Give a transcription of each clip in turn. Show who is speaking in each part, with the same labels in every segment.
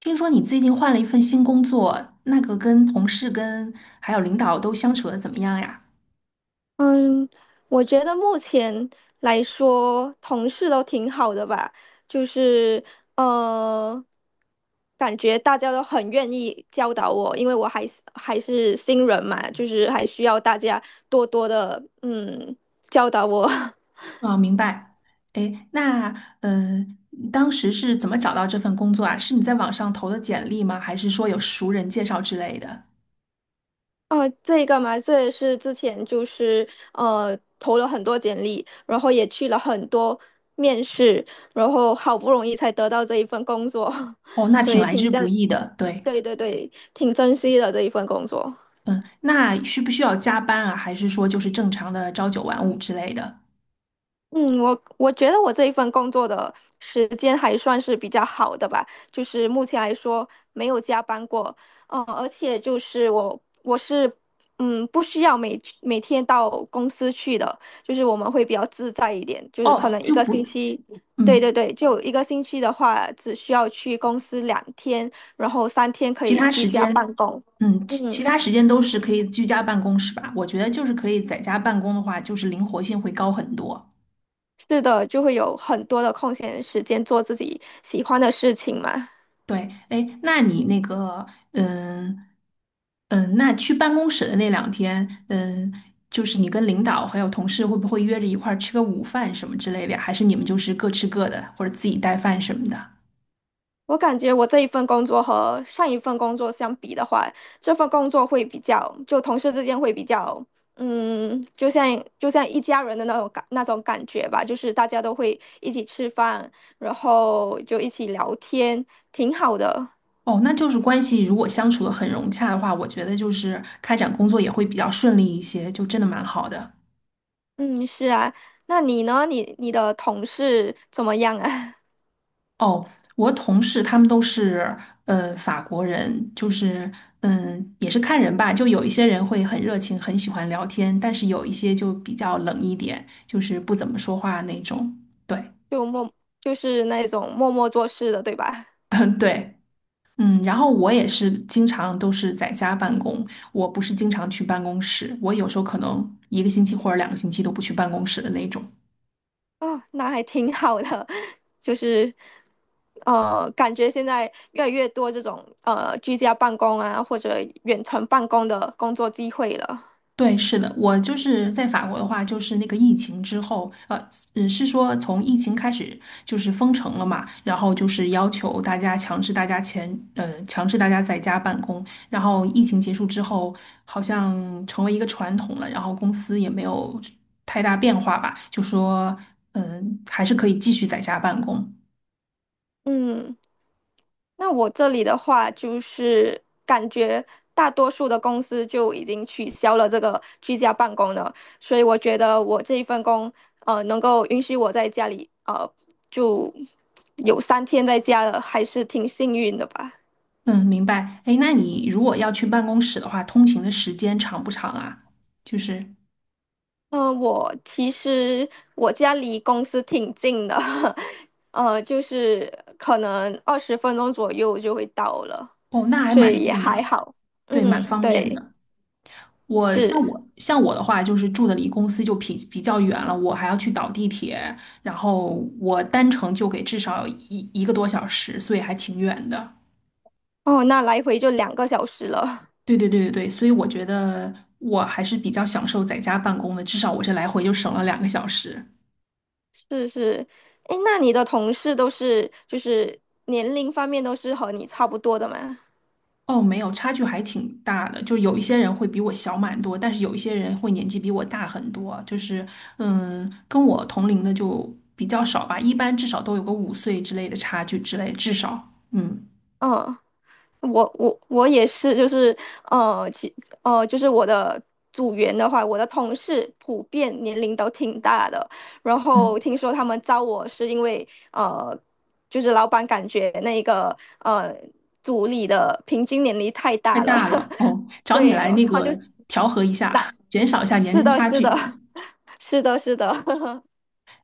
Speaker 1: 听说你最近换了一份新工作，那个跟同事、跟还有领导都相处的怎么样呀？
Speaker 2: 嗯，我觉得目前来说，同事都挺好的吧。就是呃，感觉大家都很愿意教导我，因为我还是新人嘛，就是还需要大家多多的教导我。
Speaker 1: 啊，明白。哎，那呃，当时是怎么找到这份工作啊？是你在网上投的简历吗？还是说有熟人介绍之类的？
Speaker 2: 哦，这个嘛，这也是之前就是投了很多简历，然后也去了很多面试，然后好不容易才得到这一份工作，
Speaker 1: 哦，那
Speaker 2: 所
Speaker 1: 挺
Speaker 2: 以
Speaker 1: 来
Speaker 2: 挺
Speaker 1: 之不
Speaker 2: 赞。
Speaker 1: 易的。对。
Speaker 2: 对对对，挺珍惜的这一份工作。
Speaker 1: 嗯，那需不需要加班啊？还是说就是正常的朝九晚五之类的？
Speaker 2: 嗯，我觉得我这一份工作的时间还算是比较好的吧，就是目前来说没有加班过。而且就是我是不需要每天到公司去的，就是我们会比较自在一点，就是可
Speaker 1: 哦，
Speaker 2: 能一
Speaker 1: 就
Speaker 2: 个星
Speaker 1: 不，
Speaker 2: 期，对
Speaker 1: 嗯。
Speaker 2: 对对，就一个星期的话只需要去公司2天，然后三天可
Speaker 1: 其
Speaker 2: 以
Speaker 1: 他
Speaker 2: 居
Speaker 1: 时
Speaker 2: 家
Speaker 1: 间，
Speaker 2: 办公。
Speaker 1: 嗯，其其
Speaker 2: 嗯。
Speaker 1: 他时间都是可以居家办公，是吧？我觉得就是可以在家办公的话，就是灵活性会高很多。
Speaker 2: 是的，就会有很多的空闲时间做自己喜欢的事情嘛。
Speaker 1: 对，哎，那你那个，嗯嗯，那去办公室的那两天，嗯，就是你跟领导还有同事会不会约着一块儿吃个午饭什么之类的呀？还是你们就是各吃各的，或者自己带饭什么的？
Speaker 2: 我感觉我这一份工作和上一份工作相比的话，这份工作会比较，就同事之间会比较，嗯，就像一家人的那种感觉吧，就是大家都会一起吃饭，然后就一起聊天，挺好的。
Speaker 1: 哦，那就是关系如果相处的很融洽的话，我觉得就是开展工作也会比较顺利一些，就真的蛮好的。
Speaker 2: 嗯，是啊，那你呢？你的同事怎么样啊？
Speaker 1: 哦，我同事他们都是法国人，就是嗯也是看人吧，就有一些人会很热情，很喜欢聊天，但是有一些就比较冷一点，就是不怎么说话那种。对，
Speaker 2: 就默就是那种默默做事的，对吧？
Speaker 1: 嗯对。嗯，然后我也是经常都是在家办公，我不是经常去办公室，我有时候可能一个星期或者两个星期都不去办公室的那种。
Speaker 2: 啊，那还挺好的。就是感觉现在越来越多这种居家办公啊，或者远程办公的工作机会了。
Speaker 1: 对，是的，我就是在法国的话，就是那个疫情之后，嗯，是说从疫情开始就是封城了嘛，然后就是要求大家前，强制大家在家办公，然后疫情结束之后，好像成为一个传统了，然后公司也没有太大变化吧，就说，嗯，还是可以继续在家办公。
Speaker 2: 嗯，那我这里的话，就是感觉大多数的公司就已经取消了这个居家办公了，所以我觉得我这一份工，能够允许我在家里，就有三天在家了，还是挺幸运的吧。
Speaker 1: 嗯，明白。哎，那你如果要去办公室的话，通勤的时间长不长啊？就是，
Speaker 2: 嗯，我其实我家离公司挺近的，就是可能20分钟左右就会到了，
Speaker 1: 哦，那还
Speaker 2: 所
Speaker 1: 蛮
Speaker 2: 以也
Speaker 1: 近
Speaker 2: 还
Speaker 1: 的。
Speaker 2: 好。
Speaker 1: 对，蛮
Speaker 2: 嗯，
Speaker 1: 方便
Speaker 2: 对，
Speaker 1: 的。
Speaker 2: 是。
Speaker 1: 我的话，就是住的离公司就比较远了，我还要去倒地铁，然后我单程就给至少一个多小时，所以还挺远的。
Speaker 2: 哦，那来回就2个小时了。
Speaker 1: 对对对对对，所以我觉得我还是比较享受在家办公的，至少我这来回就省了两个小时。
Speaker 2: 是是。诶，那你的同事都是就是年龄方面都是和你差不多的吗？
Speaker 1: 哦，没有，差距还挺大的，就有一些人会比我小蛮多，但是有一些人会年纪比我大很多，就是嗯，跟我同龄的就比较少吧，一般至少都有个五岁之类的差距之类，至少嗯。
Speaker 2: 嗯，我也是，就是呃，其就是我的组员的话，我的同事普遍年龄都挺大的。然后
Speaker 1: 嗯，
Speaker 2: 听说他们招我是因为就是老板感觉那个组里的平均年龄太
Speaker 1: 太
Speaker 2: 大了，
Speaker 1: 大了 哦，找你
Speaker 2: 对，
Speaker 1: 来
Speaker 2: 然后
Speaker 1: 那
Speaker 2: 他就
Speaker 1: 个调和一下，
Speaker 2: 打，
Speaker 1: 减少一下年
Speaker 2: 是
Speaker 1: 龄
Speaker 2: 的，
Speaker 1: 差
Speaker 2: 是的，
Speaker 1: 距。
Speaker 2: 是的，是的。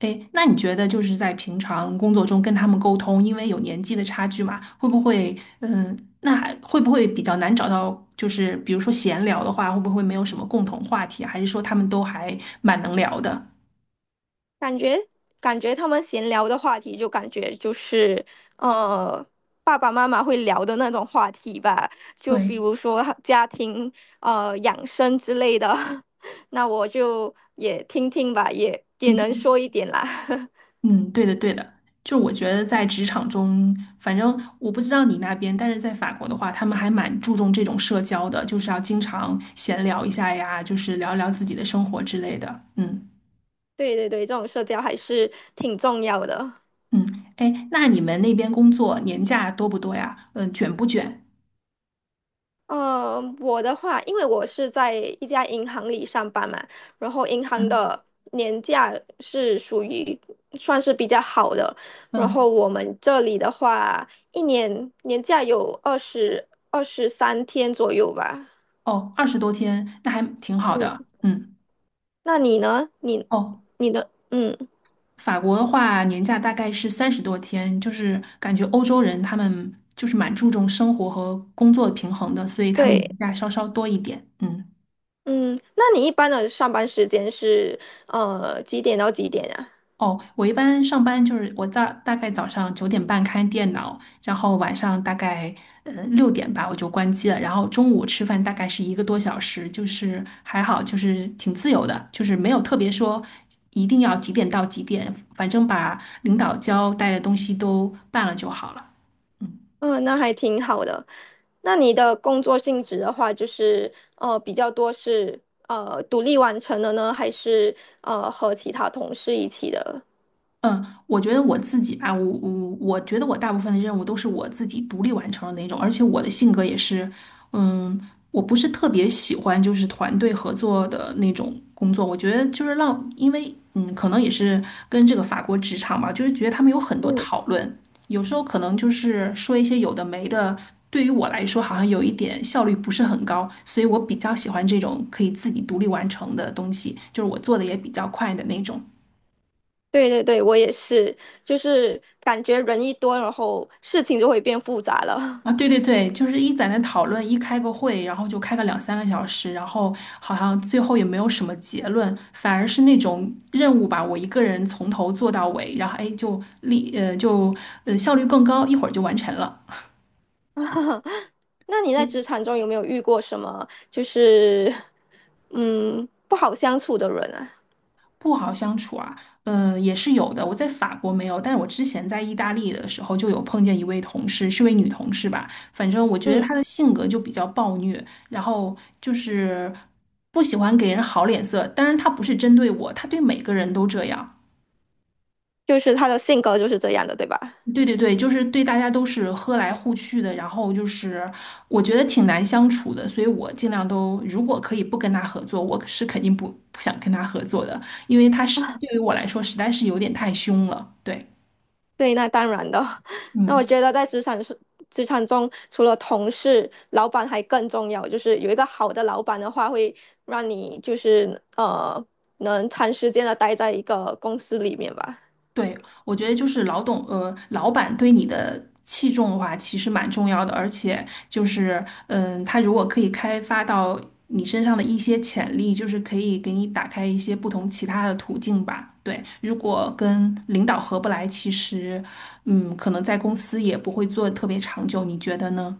Speaker 1: 哎，那你觉得就是在平常工作中跟他们沟通，因为有年纪的差距嘛，会不会嗯，那还会不会比较难找到？就是比如说闲聊的话，会不会没有什么共同话题啊？还是说他们都还蛮能聊的？
Speaker 2: 感觉感觉他们闲聊的话题，就感觉就是呃，爸爸妈妈会聊的那种话题吧，就比
Speaker 1: 对，
Speaker 2: 如说家庭养生之类的，那我就也听听吧，也能
Speaker 1: 平
Speaker 2: 说一点啦。
Speaker 1: 嗯，对的，对的，就我觉得在职场中，反正我不知道你那边，但是在法国的话，他们还蛮注重这种社交的，就是要经常闲聊一下呀，就是聊一聊自己的生活之类的。嗯
Speaker 2: 对对对，这种社交还是挺重要的。
Speaker 1: 嗯，哎，那你们那边工作年假多不多呀？嗯，卷不卷？
Speaker 2: 嗯，我的话，因为我是在一家银行里上班嘛，然后银行
Speaker 1: 嗯
Speaker 2: 的年假是属于算是比较好的，然
Speaker 1: 嗯，
Speaker 2: 后我们这里的话，一年年假有23天左右吧。
Speaker 1: 哦，二十多天，那还挺好
Speaker 2: 嗯，
Speaker 1: 的。嗯，
Speaker 2: 那你呢？你
Speaker 1: 哦。
Speaker 2: 你的，嗯，
Speaker 1: 法国的话，年假大概是三十多天，就是感觉欧洲人他们就是蛮注重生活和工作的平衡的，所以他们
Speaker 2: 对，
Speaker 1: 年假稍稍多一点。嗯，
Speaker 2: 嗯，那你一般的上班时间是几点到几点啊？
Speaker 1: 哦，我一般上班就是我大概早上九点半开电脑，然后晚上大概六点吧我就关机了，然后中午吃饭大概是一个多小时，就是还好，就是挺自由的，就是没有特别说一定要几点到几点，反正把领导交代的东西都办了就好了。嗯。
Speaker 2: 嗯，那还挺好的。那你的工作性质的话，就是比较多是独立完成的呢，还是和其他同事一起的？
Speaker 1: 嗯，我觉得我自己吧，我觉得我大部分的任务都是我自己独立完成的那种，而且我的性格也是，嗯，我不是特别喜欢就是团队合作的那种工作，我觉得就是让，因为嗯，可能也是跟这个法国职场吧，就是觉得他们有很多
Speaker 2: 嗯，
Speaker 1: 讨论，有时候可能就是说一些有的没的，对于我来说好像有一点效率不是很高，所以我比较喜欢这种可以自己独立完成的东西，就是我做的也比较快的那种。
Speaker 2: 对对对，我也是，就是感觉人一多，然后事情就会变复杂了。
Speaker 1: 啊，对对对，就是一在那讨论，一开个会，然后就开个两三个小时，然后好像最后也没有什么结论，反而是那种任务吧，我一个人从头做到尾，然后哎，就力呃就效率更高，一会儿就完成了。
Speaker 2: 那你在职场中有没有遇过什么就是不好相处的人啊？
Speaker 1: 不好相处啊，也是有的。我在法国没有，但是我之前在意大利的时候就有碰见一位同事，是位女同事吧。反正我觉得
Speaker 2: 嗯，
Speaker 1: 她的性格就比较暴虐，然后就是不喜欢给人好脸色。当然，她不是针对我，她对每个人都这样。
Speaker 2: 就是他的性格就是这样的，对吧？
Speaker 1: 对对对，就是对大家都是和来互去的，然后就是我觉得挺难相处的，所以我尽量都如果可以不跟他合作，我是肯定不想跟他合作的，因为他是对于我来说实在是有点太凶了。对，
Speaker 2: 对，那当然的。那我
Speaker 1: 嗯，
Speaker 2: 觉得在职场中，除了同事，老板还更重要。就是有一个好的老板的话，会让你就是能长时间的待在一个公司里面吧。
Speaker 1: 对，我觉得就是老董，老板对你的器重的话，其实蛮重要的，而且就是，嗯，他如果可以开发到你身上的一些潜力，就是可以给你打开一些不同其他的途径吧。对，如果跟领导合不来，其实，嗯，可能在公司也不会做得特别长久，你觉得呢？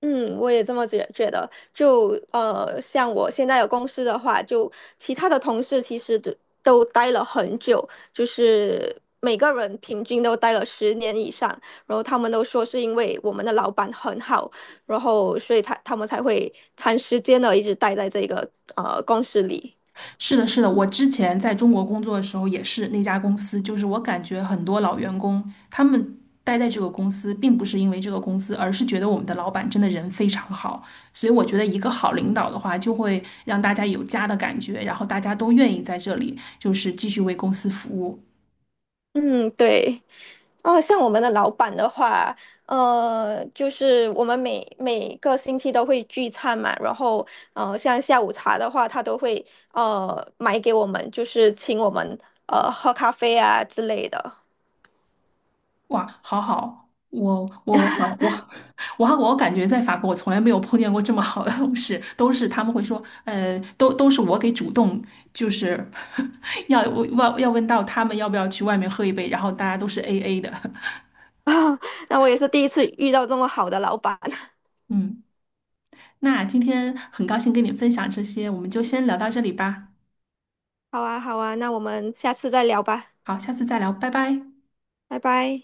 Speaker 2: 嗯，我也这么觉得。就像我现在的公司的话，就其他的同事其实都待了很久，就是每个人平均都待了10年以上。然后他们都说是因为我们的老板很好，然后所以他们才会长时间的一直待在这个公司里。
Speaker 1: 是的，是的，我之前在中国工作的时候也是那家公司，就是我感觉很多老员工他们待在这个公司，并不是因为这个公司，而是觉得我们的老板真的人非常好。所以我觉得一个好领导的话，就会让大家有家的感觉，然后大家都愿意在这里就是继续为公司服务。
Speaker 2: 嗯，对。哦，像我们的老板的话，就是我们每个星期都会聚餐嘛，然后像下午茶的话，他都会买给我们，就是请我们喝咖啡啊之类的。
Speaker 1: 哇，好好，我我感觉在法国，我从来没有碰见过这么好的同事，都是他们会说，都是我给主动，就是 要问到他们要不要去外面喝一杯，然后大家都是 AA 的。
Speaker 2: 那我也是第一次遇到这么好的老板。
Speaker 1: 嗯，那今天很高兴跟你分享这些，我们就先聊到这里吧。
Speaker 2: 好啊，好啊，那我们下次再聊吧，
Speaker 1: 好，下次再聊，拜拜。
Speaker 2: 拜拜。